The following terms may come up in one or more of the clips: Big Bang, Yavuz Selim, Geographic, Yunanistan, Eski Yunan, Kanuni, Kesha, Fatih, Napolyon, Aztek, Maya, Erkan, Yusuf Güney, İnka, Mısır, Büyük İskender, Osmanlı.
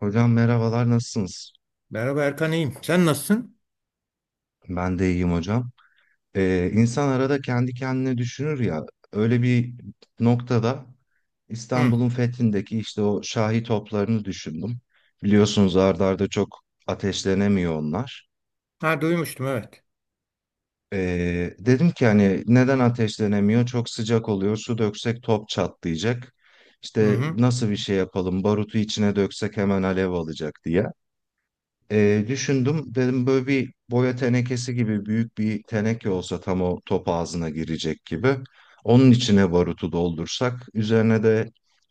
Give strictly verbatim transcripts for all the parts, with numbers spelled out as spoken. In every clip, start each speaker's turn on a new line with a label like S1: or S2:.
S1: Hocam merhabalar, nasılsınız?
S2: Merhaba Erkan iyiyim. Sen nasılsın?
S1: Ben de iyiyim hocam. Ee, insan arada kendi kendine düşünür ya, öyle bir noktada
S2: Hı.
S1: İstanbul'un fethindeki işte o Şahi toplarını düşündüm. Biliyorsunuz, art arda çok ateşlenemiyor onlar.
S2: Ha duymuştum evet.
S1: Ee, dedim ki hani neden ateşlenemiyor? Çok sıcak oluyor. Su döksek top çatlayacak.
S2: Hı
S1: İşte
S2: hı.
S1: nasıl bir şey yapalım? Barutu içine döksek hemen alev alacak diye. Ee, düşündüm, dedim böyle bir boya tenekesi gibi büyük bir teneke olsa tam o top ağzına girecek gibi. Onun içine barutu doldursak, üzerine de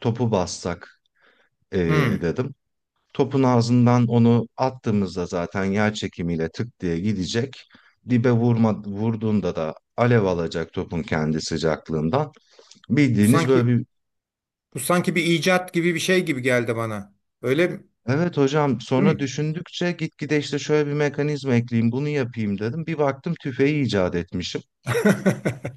S1: topu bassak ee,
S2: Hı.
S1: dedim. Topun ağzından onu attığımızda zaten yer çekimiyle tık diye gidecek. Dibe vurma, vurduğunda da alev alacak topun kendi sıcaklığından.
S2: Bu
S1: Bildiğiniz böyle
S2: sanki
S1: bir.
S2: bu sanki bir icat gibi bir şey gibi geldi bana. Öyle mi?
S1: Evet hocam,
S2: Değil
S1: sonra
S2: mi?
S1: düşündükçe gitgide işte şöyle bir mekanizma ekleyeyim, bunu yapayım dedim. Bir baktım tüfeği icat etmişim.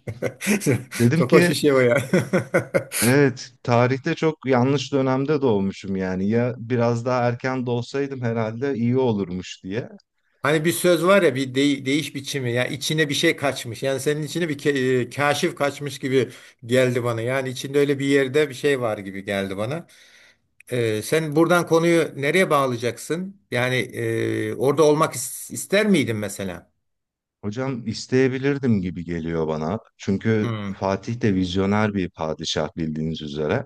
S1: Dedim
S2: Çok hoş
S1: ki
S2: bir şey o ya.
S1: evet, tarihte çok yanlış dönemde doğmuşum yani, ya biraz daha erken doğsaydım herhalde iyi olurmuş diye.
S2: Hani bir söz var ya bir dey- değiş biçimi ya içine bir şey kaçmış. Yani senin içine bir ke- e, kaşif kaçmış gibi geldi bana. Yani içinde öyle bir yerde bir şey var gibi geldi bana. Ee, sen buradan konuyu nereye bağlayacaksın? Yani e, orada olmak is- ister miydin mesela?
S1: Hocam isteyebilirdim gibi geliyor bana. Çünkü
S2: Hmm.
S1: Fatih de vizyoner bir padişah, bildiğiniz üzere.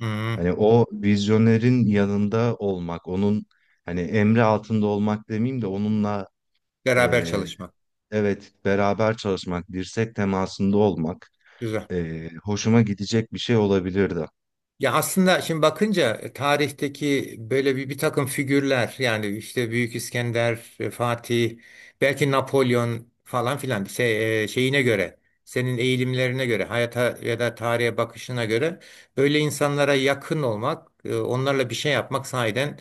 S2: Hmm,
S1: Hani o vizyonerin yanında olmak, onun hani emri altında olmak demeyeyim de onunla
S2: Beraber
S1: e,
S2: çalışmak.
S1: evet, beraber çalışmak, dirsek temasında olmak.
S2: Güzel.
S1: E, hoşuma gidecek bir şey olabilirdi.
S2: Ya aslında şimdi bakınca e, tarihteki böyle bir, bir takım figürler yani işte Büyük İskender, e, Fatih, belki Napolyon falan filan şey, e, şeyine göre, senin eğilimlerine göre, hayata ya da tarihe bakışına göre böyle insanlara yakın olmak, e, onlarla bir şey yapmak sahiden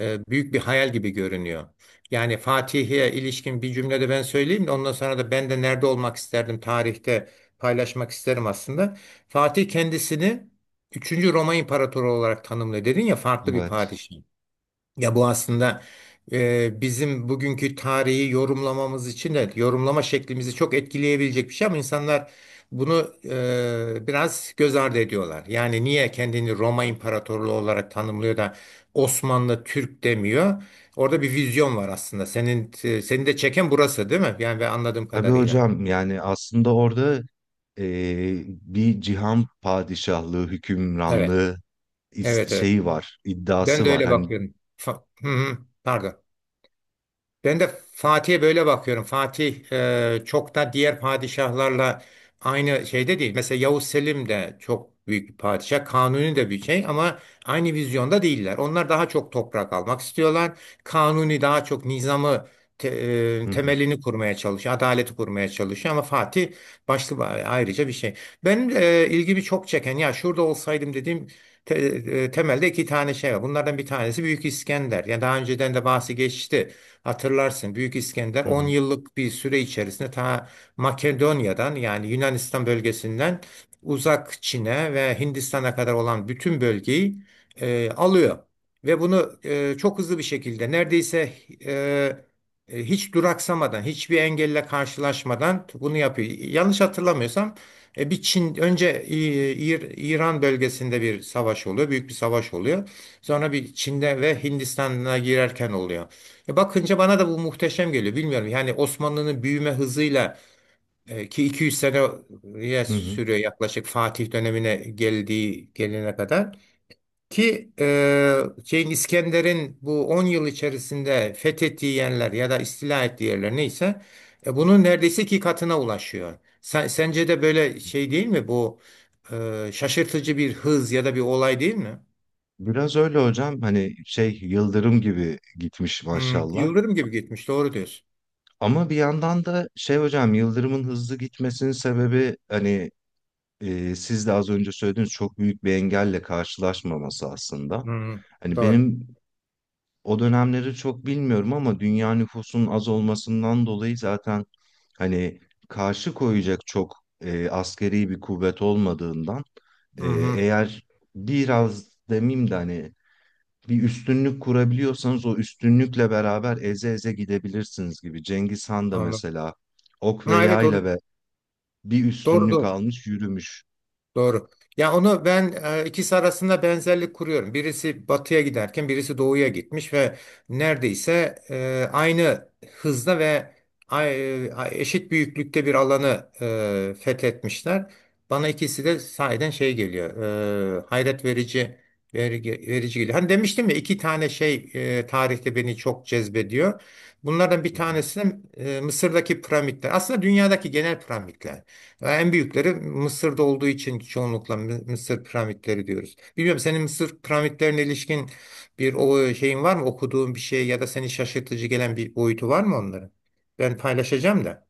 S2: e, büyük bir hayal gibi görünüyor. Yani Fatih'e ilişkin bir cümlede ben söyleyeyim de ondan sonra da ben de nerede olmak isterdim tarihte paylaşmak isterim aslında. Fatih kendisini Üçüncü Roma İmparatoru olarak tanımlıyor. Dedin ya farklı bir
S1: Evet.
S2: padişah. Ya bu aslında e, bizim bugünkü tarihi yorumlamamız için de yorumlama şeklimizi çok etkileyebilecek bir şey ama insanlar bunu e, biraz göz ardı ediyorlar. Yani niye kendini Roma İmparatorluğu olarak tanımlıyor da Osmanlı Türk demiyor? Orada bir vizyon var aslında. Senin e, seni de çeken burası değil mi? Yani ben anladığım
S1: Tabii
S2: kadarıyla.
S1: hocam, yani aslında orada e, bir cihan padişahlığı,
S2: Evet.
S1: hükümranlığı is-
S2: Evet evet.
S1: şeyi var,
S2: Ben
S1: iddiası
S2: de
S1: var.
S2: öyle
S1: Hani.
S2: bakıyorum. Fa- Hı hı. Pardon. Ben de Fatih'e böyle bakıyorum. Fatih e, çok da diğer padişahlarla aynı şeyde değil. Mesela Yavuz Selim de çok büyük bir padişah. Kanuni de bir şey ama aynı vizyonda değiller. Onlar daha çok toprak almak istiyorlar. Kanuni daha çok nizamı te-
S1: Hı
S2: e,
S1: hı,
S2: temelini kurmaya çalışıyor. Adaleti kurmaya çalışıyor ama Fatih başlı ba- ayrıca bir şey. Benim e, ilgimi çok çeken ya şurada olsaydım dediğim te- e, temelde iki tane şey var. Bunlardan bir tanesi Büyük İskender. Yani daha önceden de bahsi geçti. Hatırlarsın Büyük İskender
S1: hı
S2: on
S1: hı,
S2: yıllık bir süre içerisinde ta Makedonya'dan yani Yunanistan bölgesinden uzak Çin'e ve Hindistan'a kadar olan bütün bölgeyi e, alıyor. Ve bunu e, çok hızlı bir şekilde neredeyse e, e, hiç duraksamadan, hiçbir engelle karşılaşmadan bunu yapıyor. Yanlış hatırlamıyorsam e, bir Çin önce İ- İr- İran bölgesinde bir savaş oluyor, büyük bir savaş oluyor. Sonra bir Çin'de ve Hindistan'a girerken oluyor. E bakınca bana da bu muhteşem geliyor. Bilmiyorum yani Osmanlı'nın büyüme hızıyla e, ki iki yüz seneye
S1: hı hı.
S2: sürüyor yaklaşık Fatih dönemine geldiği gelene kadar ki e, şeyin İskender'in bu on yıl içerisinde fethettiği yerler ya da istila ettiği yerler neyse e, bunun neredeyse iki katına ulaşıyor. Sen- sence de böyle şey değil mi bu e, şaşırtıcı bir hız ya da bir olay değil mi?
S1: Biraz öyle hocam, hani şey, yıldırım gibi gitmiş
S2: Hmm,
S1: maşallah.
S2: yıldırım gibi gitmiş doğru diyorsun.
S1: Ama bir yandan da şey hocam, yıldırımın hızlı gitmesinin sebebi hani, e, siz de az önce söylediğiniz, çok büyük bir engelle karşılaşmaması aslında.
S2: Hmm,
S1: Hani
S2: doğru.
S1: benim, o dönemleri çok bilmiyorum ama dünya nüfusunun az olmasından dolayı zaten hani karşı koyacak çok e, askeri bir kuvvet olmadığından,
S2: Hı
S1: e,
S2: hı,
S1: eğer biraz demeyeyim de hani bir üstünlük kurabiliyorsanız o üstünlükle beraber eze eze gidebilirsiniz gibi. Cengiz Han da
S2: anladım.
S1: mesela ok ve
S2: Ha, evet
S1: yayla
S2: onu,
S1: ve bir
S2: doğru
S1: üstünlük
S2: doğru.
S1: almış, yürümüş.
S2: Doğru. Ya onu ben e, ikisi arasında benzerlik kuruyorum. Birisi batıya giderken birisi doğuya gitmiş ve neredeyse e, aynı hızda ve ay- e, eşit büyüklükte bir alanı e, fethetmişler. Bana ikisi de sahiden şey geliyor. E, hayret verici verici, verici geliyor. Hani demiştim ya iki tane şey e, tarihte beni çok cezbediyor. Bunlardan bir tanesi e, Mısır'daki piramitler. Aslında dünyadaki genel piramitler. En büyükleri Mısır'da olduğu için çoğunlukla Mı- Mısır piramitleri diyoruz. Bilmiyorum senin Mısır piramitlerine ilişkin bir o şeyin var mı? Okuduğun bir şey ya da seni şaşırtıcı gelen bir boyutu var mı onların? Ben paylaşacağım da.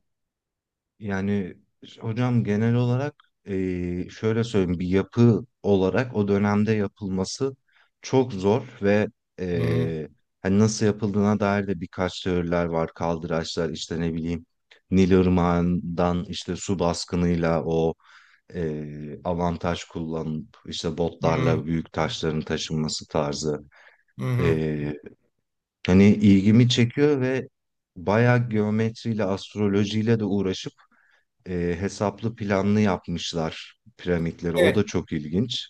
S1: Yani hocam genel olarak eee, şöyle söyleyeyim, bir yapı olarak o dönemde yapılması çok zor ve
S2: Hmm,
S1: eee, hani nasıl yapıldığına dair de birkaç teoriler var. Kaldıraçlar işte, ne bileyim, Nil Irmağı'ndan işte su baskınıyla o eee avantaj kullanıp işte botlarla
S2: hmm,
S1: büyük taşların taşınması tarzı.
S2: hmm.
S1: Eee, Hani ilgimi çekiyor ve bayağı geometriyle astrolojiyle de uğraşıp e, hesaplı planlı yapmışlar piramitleri. O da
S2: Evet.
S1: çok ilginç.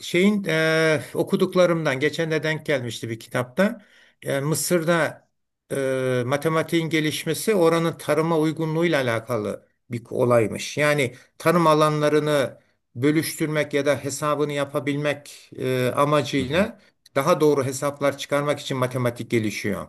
S2: Şeyin eee, Okuduklarımdan geçen de denk gelmişti bir kitapta. Eee, Mısır'da eee, matematiğin gelişmesi oranın tarıma uygunluğuyla alakalı bir olaymış. Yani tarım alanlarını bölüştürmek ya da hesabını yapabilmek eee,
S1: Hı hı.
S2: amacıyla daha doğru hesaplar çıkarmak için matematik gelişiyor.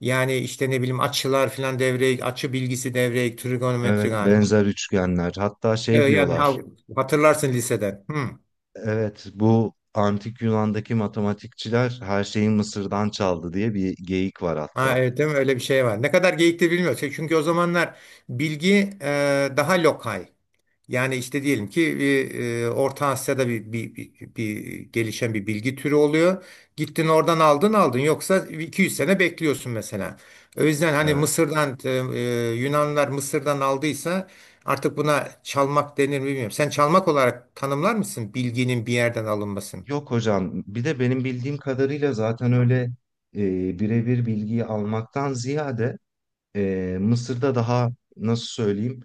S2: Yani işte ne bileyim açılar filan devreye, açı bilgisi devreye, trigonometri
S1: Evet,
S2: galiba.
S1: benzer üçgenler. Hatta
S2: Ee,
S1: şey
S2: yani ha-
S1: diyorlar.
S2: hatırlarsın liseden. Hı.
S1: Evet, bu antik Yunan'daki matematikçiler her şeyi Mısır'dan çaldı diye bir geyik var
S2: Ha,
S1: hatta.
S2: evet değil mi? Öyle bir şey var. Ne kadar geyiktir bilmiyoruz. Şey, Çünkü o zamanlar bilgi e, daha lokal. Yani işte diyelim ki bir, e, Orta Asya'da bir, bir, bir, bir gelişen bir bilgi türü oluyor. Gittin oradan aldın aldın. Yoksa iki yüz sene bekliyorsun mesela. O yüzden hani
S1: Evet.
S2: Mısır'dan e, e, Yunanlar Mısır'dan aldıysa artık buna çalmak denir mi bilmiyorum. Sen çalmak olarak tanımlar mısın bilginin bir yerden alınmasını?
S1: Yok hocam. Bir de benim bildiğim kadarıyla zaten öyle e, birebir bilgiyi almaktan ziyade e, Mısır'da daha, nasıl söyleyeyim,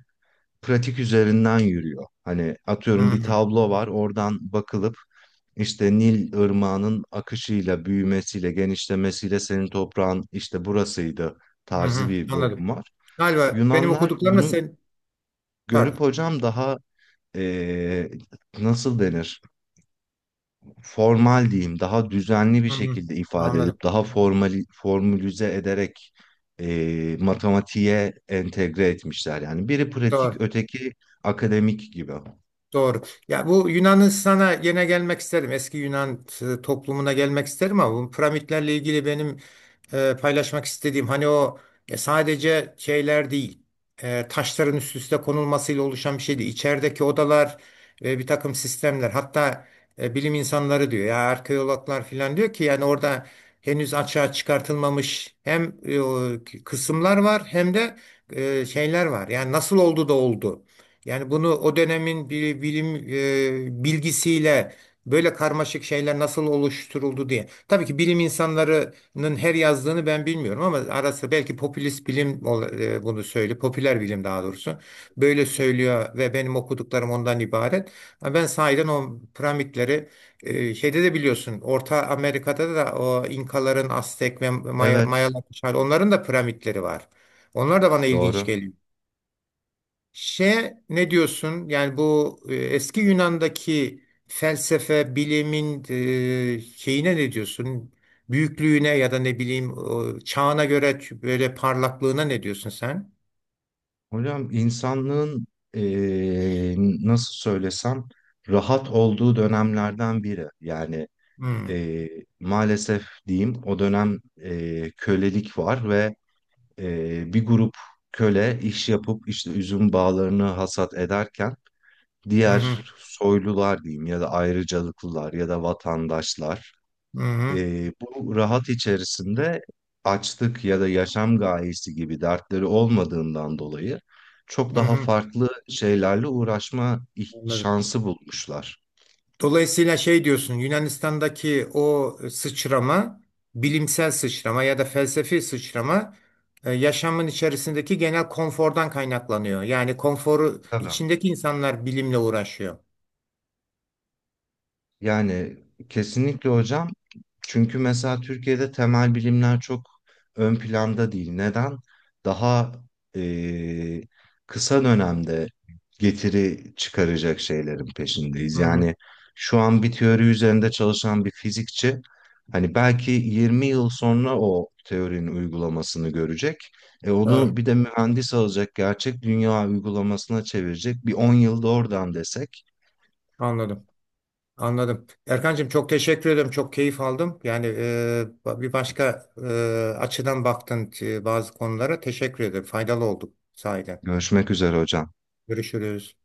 S1: pratik üzerinden yürüyor. Hani
S2: Hı
S1: atıyorum bir
S2: hı,
S1: tablo var, oradan bakılıp işte Nil ırmağının akışıyla, büyümesiyle, genişlemesiyle senin toprağın işte burasıydı
S2: hı
S1: tarzı
S2: hı,
S1: bir
S2: anladım.
S1: bölüm var.
S2: Galiba benim
S1: Yunanlar
S2: okuduklarımla
S1: bunu
S2: sen... Pardon.
S1: görüp hocam daha eee, nasıl denir? Formal diyeyim, daha düzenli bir
S2: Hmm,
S1: şekilde ifade
S2: anladım.
S1: edip daha formali, formülize ederek eee, matematiğe entegre etmişler. Yani biri pratik,
S2: Doğru.
S1: öteki akademik gibi.
S2: Doğru. Ya bu Yunanistan'a gene gelmek isterim. Eski Yunan e, toplumuna gelmek isterim ama bu piramitlerle ilgili benim e, paylaşmak istediğim hani o e, sadece şeyler değil. E, taşların üst üste konulmasıyla oluşan bir şey değil. İçerideki odalar ve bir takım sistemler hatta e, bilim insanları diyor ya arkeologlar falan diyor ki yani orada henüz açığa çıkartılmamış hem e, o kısımlar var hem de e, şeyler var. Yani nasıl oldu da oldu. Yani bunu o dönemin bir bilim e, bilgisiyle böyle karmaşık şeyler nasıl oluşturuldu diye. Tabii ki bilim insanlarının her yazdığını ben bilmiyorum ama arası belki popülist bilim ol- e, bunu söylüyor. Popüler bilim daha doğrusu. Böyle söylüyor ve benim okuduklarım ondan ibaret. Ama ben sahiden o piramitleri e, şeyde de biliyorsun Orta Amerika'da da o İnkaların, Aztek ve Maya,
S1: Evet,
S2: Mayaların onların da piramitleri var. Onlar da bana ilginç
S1: doğru.
S2: geliyor. Şey ne diyorsun? Yani bu e, eski Yunan'daki felsefe, bilimin e, şeyine ne diyorsun? Büyüklüğüne ya da ne bileyim o çağına göre böyle parlaklığına ne diyorsun sen?
S1: Hocam insanlığın eee, nasıl söylesem rahat olduğu dönemlerden biri. Yani
S2: Hmm.
S1: eee, maalesef diyeyim, o dönem eee, kölelik var ve eee, bir grup köle iş yapıp işte üzüm bağlarını hasat ederken
S2: Hı hı.
S1: diğer soylular diyeyim ya da ayrıcalıklılar ya da vatandaşlar,
S2: Hı hı.
S1: e, bu rahat içerisinde açlık ya da yaşam gayesi gibi dertleri olmadığından dolayı çok
S2: Hı
S1: daha
S2: hı.
S1: farklı şeylerle uğraşma ih-
S2: Anladım.
S1: şansı bulmuşlar.
S2: Dolayısıyla şey diyorsun Yunanistan'daki o sıçrama, bilimsel sıçrama ya da felsefi sıçrama e, yaşamın içerisindeki genel konfordan kaynaklanıyor. Yani konforu
S1: Tabii.
S2: içindeki insanlar bilimle uğraşıyor.
S1: Yani kesinlikle hocam. Çünkü mesela Türkiye'de temel bilimler çok ön planda değil. Neden? Daha eee, kısa dönemde getiri çıkaracak şeylerin peşindeyiz.
S2: Hmm,
S1: Yani şu an bir teori üzerinde çalışan bir fizikçi hani belki yirmi yıl sonra o teorinin uygulamasını görecek. E
S2: doğru.
S1: onu bir de mühendis alacak, gerçek dünya uygulamasına çevirecek. Bir on yılda oradan desek.
S2: Anladım. Anladım. Erkancığım çok teşekkür ederim. Çok keyif aldım. Yani e, ba- bir başka e, açıdan baktın e, bazı konulara. Teşekkür ederim. Faydalı olduk sahiden.
S1: Görüşmek üzere hocam.
S2: Görüşürüz.